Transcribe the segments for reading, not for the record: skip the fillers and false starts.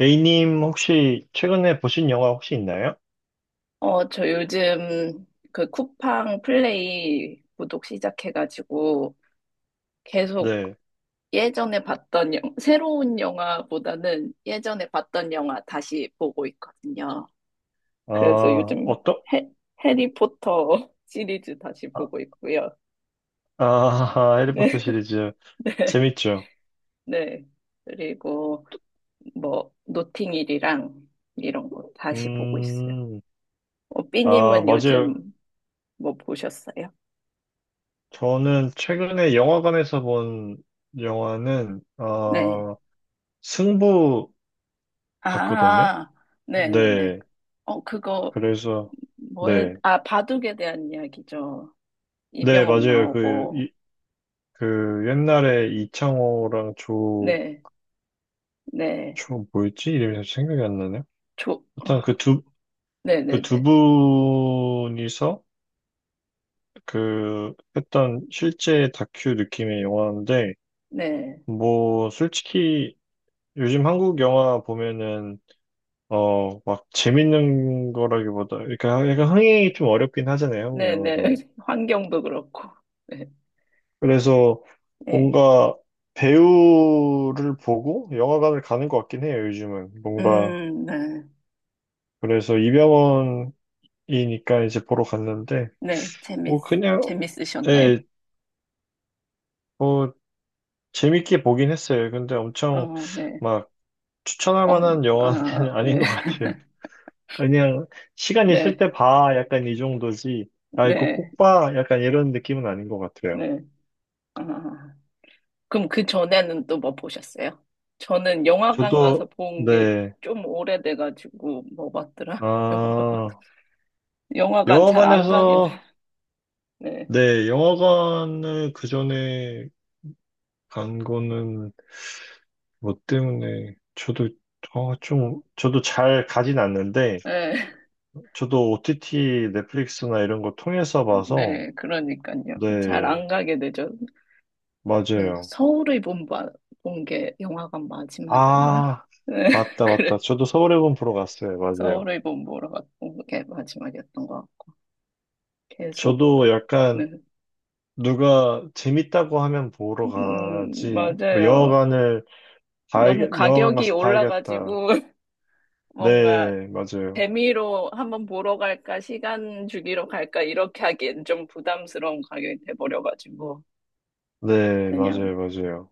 A님 혹시 최근에 보신 영화 혹시 있나요? 저 요즘 그 쿠팡 플레이 구독 시작해가지고 계속 네. 예전에 봤던 새로운 영화보다는 예전에 봤던 영화 다시 보고 있거든요. 아, 그래서 요즘 어떠? 해, 해리포터 시리즈 다시 아, 보고 있고요. 아, 해리포터 네, 시리즈 네, 재밌죠? 네. 그리고 뭐 노팅힐이랑 이런 거 다시 보고 있어요. 음, 아, 삐님은 맞아요. 요즘 뭐 보셨어요? 저는 최근에 영화관에서 본 영화는 네. 승부 봤거든요. 아, 네네네. 네. 어, 그거, 그래서 네. 바둑에 대한 이야기죠. 네, 이병헌 맞아요. 그, 나오고, 이, 그 옛날에 이창호랑 조, 네, 네, 조 뭐였지? 이름이 잘 생각이 안 나네요. 조, 어, 일단 그 두, 그 두 네네네, 분이서 그 했던 실제 다큐 느낌의 영화인데 네, 뭐 솔직히 요즘 한국 영화 보면은 막 재밌는 거라기보다 그러니까 약간 흥행이 좀 어렵긴 하잖아요. 한국 네네. 영화가. 환경도 그렇고, 네, 그래서 네. 뭔가 배우를 보고 영화관을 가는 것 같긴 해요. 요즘은 뭔가 네, 그래서 이병헌이니까 이제 보러 갔는데 네, 뭐 그냥 재밌으셨나요? 예뭐 재밌게 보긴 했어요. 근데 엄청 어, 네, 막 추천할 만한 영화는 아, 네, 아닌 것 같아요. 그냥 시간 있을 네, 때 봐. 약간 이 정도지. 아, 이거 네, 꼭 봐. 약간 이런 느낌은 아닌 것 같아요. 네, 아. 그럼 그 전에는 또 뭐 보셨어요? 저는 영화관 가서 저도, 본 게 네. 좀 오래돼가지고 뭐 봤더라? 영화관 아, 영화관 잘 안 가게 돼. 영화관에서, 네, 네. 영화관을 그전에 간 거는 뭐 때문에 저도 좀, 저도 잘 가진 않는데, 네, 저도 OTT, 넷플릭스나 이런 거 통해서 봐서, 네, 그러니까요. 잘 네, 안 가게 되죠. 그래서 맞아요. 서울의 본본게 영화관 마지막이었나? 아, 네, 맞다, 맞다. 그래. 저도 서울의 봄 보러 갔어요. 맞아요. 서울의 본 보러 갔던 게 마지막이었던 것 같고 계속. 저도 네, 약간 누가 재밌다고 하면 보러 가지, 뭐 맞아요. 영화관을 봐야, 너무 영화관 가격이 가서 봐야겠다. 올라가지고 뭔가 네, 맞아요. 재미로 한번 보러 갈까, 시간 주기로 갈까, 이렇게 하기엔 좀 부담스러운 가격이 돼버려가지고, 네, 맞아요, 그냥, 맞아요.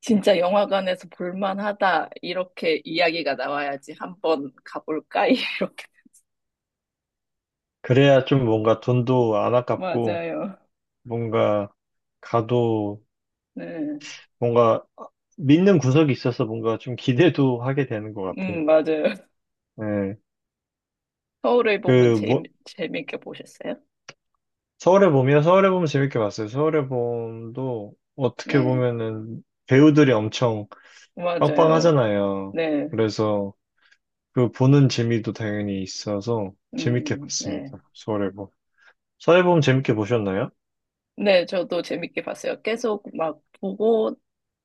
진짜 영화관에서 볼만하다, 이렇게 이야기가 나와야지 한번 가볼까? 이렇게. 그래야 좀 뭔가 돈도 안 아깝고, 맞아요. 뭔가 가도 네. 뭔가 믿는 구석이 있어서 뭔가 좀 기대도 하게 되는 것 같아요. 맞아요. 네. 서울을 보면 그, 뭐, 재밌게 보셨어요? 서울의 봄이요? 서울의 봄 재밌게 봤어요. 서울의 봄도 어떻게 네. 보면은 배우들이 엄청 맞아요. 빵빵하잖아요. 네. 그래서 그 보는 재미도 당연히 있어서 재밌게 네. 봤습니다. 서울의 봄. 서울의 봄 재밌게 보셨나요? 네, 저도 재밌게 봤어요. 계속 막 보고,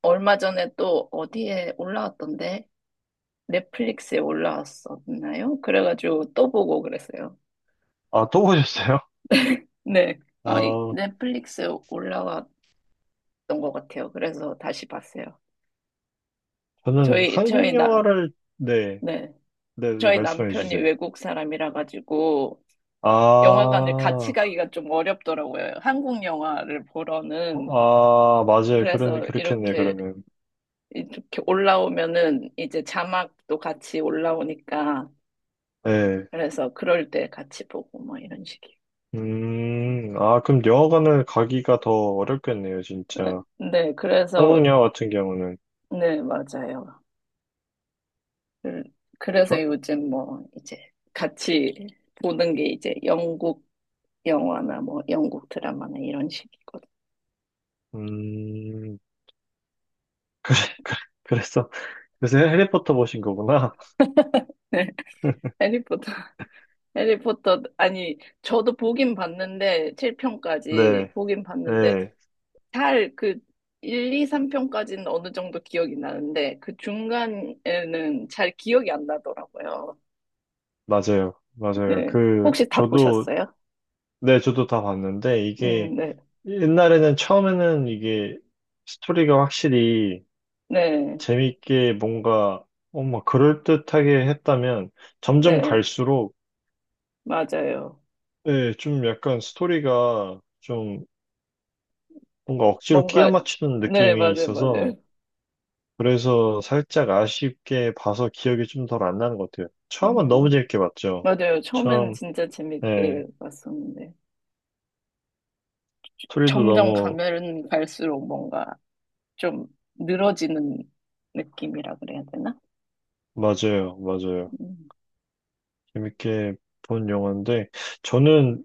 얼마 전에 또 어디에 올라왔던데? 넷플릭스에 올라왔었나요? 그래가지고 또 보고 그랬어요. 아, 또 보셨어요? 네. 아, 아, 넷플릭스에 올라왔던 것 같아요. 그래서 다시 봤어요. 저는 저희, 저희 한국 나, 영화를, 네, 네. 네, 네, 저희 말씀해 남편이 주세요. 외국 사람이라 가지고 아, 영화관을 같이 가기가 좀 어렵더라고요. 한국 영화를 보러는. 아, 맞아요. 그런, 그래서 그렇겠네요, 그러면. 이렇게 올라오면은 이제 자막도 같이 올라오니까. 네. 그래서 그럴 때 같이 보고 뭐 이런 식이에요. 아, 그럼 영화관을 가기가 더 어렵겠네요, 네, 진짜. 네, 그래서 성우녀 같은 경우는 네, 맞아요. 그- 그래서 저, 요즘 뭐 이제 같이 보는 게 이제 영국 영화나 뭐 영국 드라마나 이런 식이거든요. 음 그래 그래 그랬어 그래서 해리포터 보신 거구나. 해리포터, 해리포터, 아니, 저도 보긴 봤는데, 7편까지 네. 보긴 봤는데, 네 잘 그 1, 2, 3편까지는 어느 정도 기억이 나는데, 그 중간에는 잘 기억이 안 나더라고요. 맞아요 맞아요 네. 그 혹시 다 저도 보셨어요? 네 저도 다 봤는데 이게 네. 옛날에는 처음에는 이게 스토리가 확실히 네. 재밌게 뭔가 어머 그럴듯하게 했다면 점점 네. 갈수록 맞아요. 네, 좀 약간 스토리가 좀 뭔가 억지로 끼워 뭔가, 맞추는 네, 느낌이 맞아요, 맞아요. 있어서 그래서 살짝 아쉽게 봐서 기억이 좀 덜 안 나는 것 같아요. 처음은 너무 음, 재밌게 봤죠. 맞아요. 처음엔 처음, 진짜 예, 재밌게 봤었는데, 소리도 점점 너무, 가면 갈수록 뭔가 좀 늘어지는 느낌이라 그래야 되나? 맞아요, 맞아요. 음, 재밌게 본 영화인데, 저는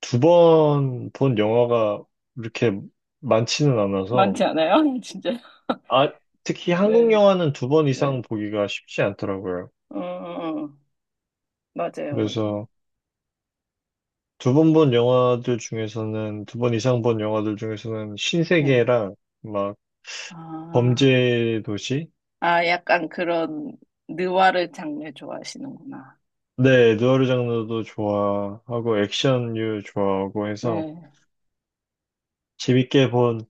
두 번 본 영화가 이렇게 많지는 않아서, 많지 않아요? 진짜. 아, 특히 한국 네, 영화는 두 번 이상 네. 보기가 쉽지 않더라고요. 어, 어, 어. 맞아요, 맞아요. 그래서 두 번 본 영화들 중에서는, 두 번 이상 본 영화들 중에서는 네. 신세계랑 막 아, 범죄 도시, 아, 약간 그런 느와르 장르 좋아하시는구나. 네, 누아르 장르도 좋아하고 액션류 좋아하고 해서 네, 재밌게 본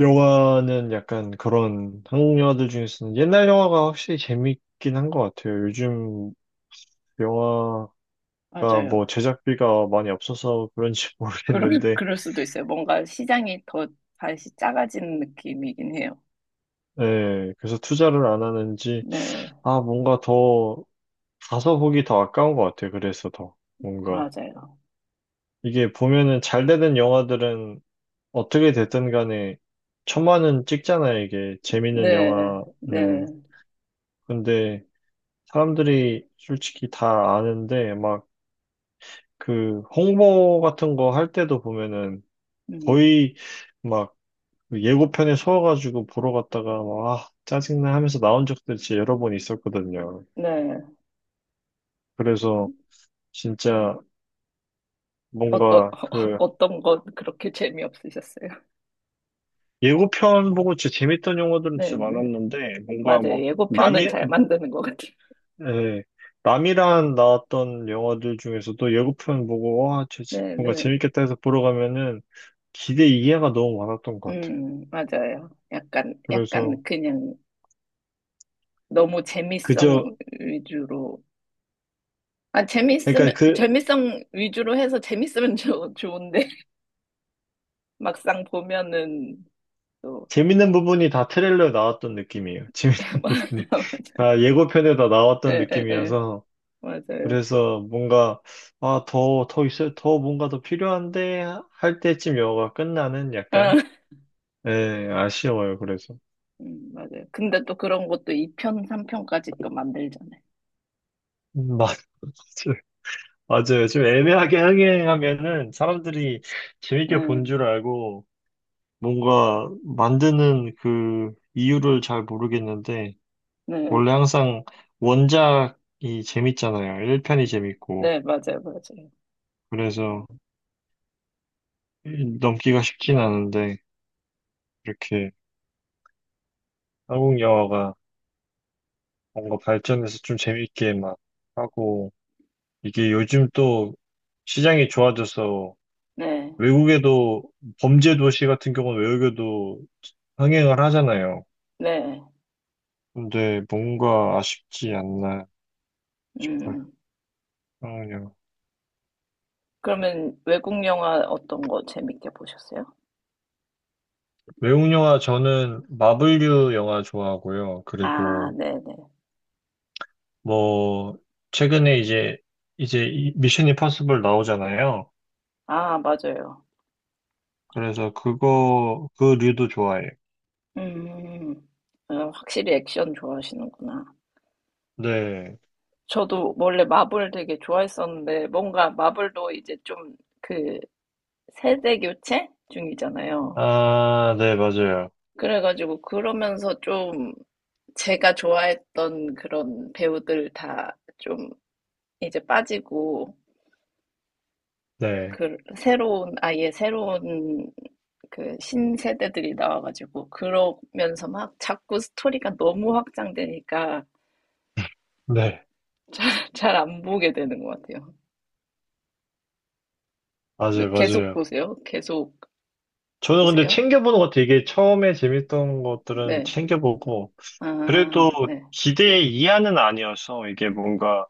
영화는 약간 그런 한국 영화들 중에서는 옛날 영화가 확실히 재밌긴 한 것 같아요. 요즘 영화가 맞아요. 뭐 제작비가 많이 없어서 그런지 모르겠는데, 그럴 수도 있어요. 뭔가 시장이 더 다시 작아지는 느낌이긴 해요. 네, 그래서 투자를 안 하는지, 네, 아, 뭔가 더 가서 보기 더 아까운 것 같아요. 그래서 더 뭔가 맞아요. 이게 보면은 잘 되는 영화들은 어떻게 됐든 간에 천만은 찍잖아요, 이게. 재밌는 네, 영화는. 네, 근데 사람들이 솔직히 다 아는데 막 그 홍보 같은 거 할 때도 보면은 음, 거의 막그 예고편에 서아가지고 보러 갔다가 막 아, 짜증나 하면서 나온 적도 진짜 여러 번 있었거든요. 네. 그래서 진짜 어떤, 뭔가 그 어떤 건 그렇게 재미없으셨어요? 예고편 보고 진짜 재밌던 영화들은 네, 진짜 네. 많았는데 뭔가 막 맞아요. 예고편은 남이 잘 만드는 것 같아요. 예, 남이란 나왔던 영화들 중에서도 예고편 보고, 와, 쟤 네, 뭔가 네. 재밌겠다 해서 보러 가면은 기대 이해가 너무 많았던 것 같아요. 맞아요. 그래서 약간 그냥 너무 재미성 그저, 위주로. 아, 그러니까 재밌으면, 그 재미성 위주로 해서 재밌으면 좋은데, 막상 보면은 또, 재밌는 부분이 다 트레일러에 나왔던 느낌이에요. 재밌는 부분이. 맞아요. 다 예고편에 다 나왔던 예, 예, 예. 느낌이어서. 맞아요. 그래서 뭔가, 아, 더, 더 있어요. 더 뭔가 더 필요한데 할 때쯤 영화가 끝나는 아, 약간, 예, 아쉬워요. 그래서. 맞아요. 근데 또 그런 것도 2편, 3편까지 또 만들잖아요. 맞 맞아요. 좀 애매하게 흥행하면은 사람들이 재밌게 본 음, 줄 알고 뭔가 만드는 그 이유를 잘 모르겠는데 네, 원래 항상 원작이 재밌잖아요. 1편이 재밌고 네, 맞아요, 맞아요. 그래서 넘기가 쉽진 않은데 이렇게 한국 영화가 뭔가 발전해서 좀 재밌게 막 하고 이게 요즘 또 시장이 좋아져서 네, 외국에도 범죄 도시 같은 경우는 외국에도 흥행을 하잖아요. 네, 근데 뭔가 아쉽지 않나 싶어요. 음. 상황요 그러면 외국 영화 어떤 거 재밌게 보셨어요? 외국 영화 저는 마블류 영화 좋아하고요. 아, 그리고 네네. 뭐 최근에 이제 이제 이 미션 임파서블 나오잖아요. 아, 맞아요. 그래서 그거 그 류도 좋아해요. 음, 확실히 액션 좋아하시는구나. 네. 저도 원래 마블 되게 좋아했었는데, 뭔가 마블도 이제 좀 그 세대 교체 중이잖아요. 아, 네, 맞아요. 그래가지고 그러면서 좀 제가 좋아했던 그런 배우들 다 좀 이제 빠지고 네. 그 새로운 아예 새로운 그 신세대들이 나와가지고 그러면서 막 자꾸 스토리가 너무 확장되니까 네. 잘 안 보게 되는 것 같아요. 맞아요, 그 계속 맞아요. 보세요. 계속 저는 근데 보세요. 챙겨보는 것 같아요. 이게 처음에 재밌던 것들은 네. 챙겨보고, 아, 그래도 네. 기대 이하는 아니어서 이게 뭔가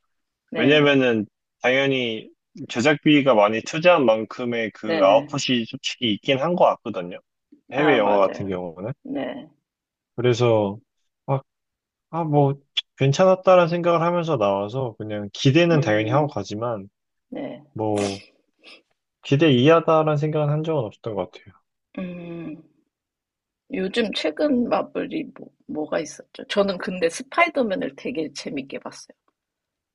네. 왜냐면은 당연히 제작비가 많이 투자한 만큼의 그 네. 아웃풋이 솔직히 있긴 한 것 같거든요. 해외 아, 영화 같은 맞아요. 경우는. 네. 그래서 막, 아, 뭐, 괜찮았다라는 생각을 하면서 나와서 그냥 기대는 당연히 하고 음, 가지만 네. 뭐, 기대 이하다라는 생각은 한 적은 없었던 것 같아요. 음. 요즘 최근 마블이 뭐가 있었죠? 저는 근데 스파이더맨을 되게 재밌게 봤어요.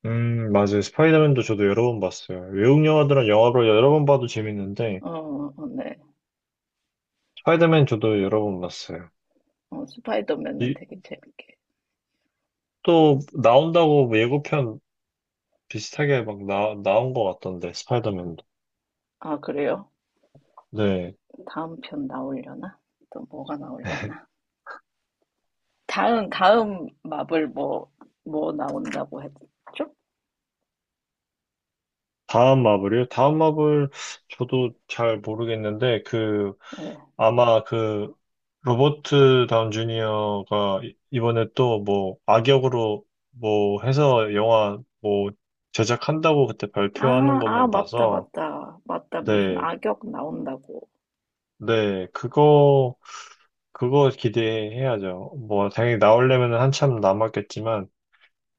맞아요. 스파이더맨도 저도 여러 번 봤어요. 외국 영화들은 영화로 여러 번 봐도 재밌는데, 어, 어, 네. 스파이더맨 저도 여러 번 봤어요. 스파이더맨은 이, 되게 재밌게. 또 나온다고 뭐 예고편 비슷하게 막 나온 것 같던데, 스파이더맨도. 아, 그래요? 네. 다음 편 나오려나? 또 뭐가 나오려나? 다음 마블 뭐 나온다고 했죠? 다음 마블이요? 다음 마블, 저도 잘 모르겠는데, 그, 네. 아마 그, 로버트 다운 주니어가 이번에 또 뭐, 악역으로 뭐 해서 영화 뭐, 제작한다고 그때 아, 발표하는 아, 것만 맞다, 봐서, 맞다. 맞다. 무슨 네. 악역 나온다고. 네. 그거, 그거 기대해야죠. 뭐, 당연히 나오려면 한참 남았겠지만,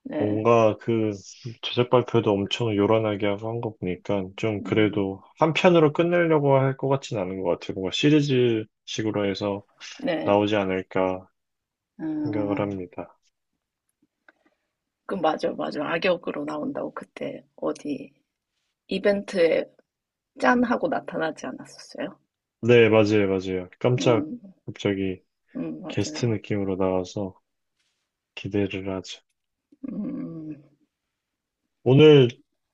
네. 뭔가 그 제작 발표도 엄청 요란하게 하고 한 거 보니까 좀 음, 그래도 한 편으로 끝내려고 할 것 같진 않은 것 같아요. 뭔가 시리즈식으로 해서 네. 나오지 않을까 생각을 음, 합니다. 그, 맞아, 맞아. 악역으로 나온다고 그때 어디 이벤트에 짠 하고 나타나지 않았었어요. 네, 맞아요, 맞아요. 깜짝 음, 갑자기 게스트 맞아요. 느낌으로 나와서 기대를 하죠. 음, 오늘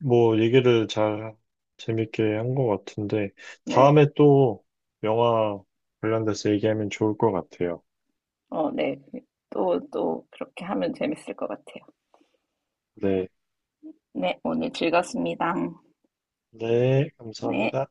뭐 얘기를 잘 재밌게 한 것 같은데 네. 다음에 또 영화 관련돼서 얘기하면 좋을 것 같아요. 어, 네. 또, 또, 그렇게 하면 재밌을 것 같아요. 네, 네, 오늘 즐거웠습니다. 네, 네. 감사합니다.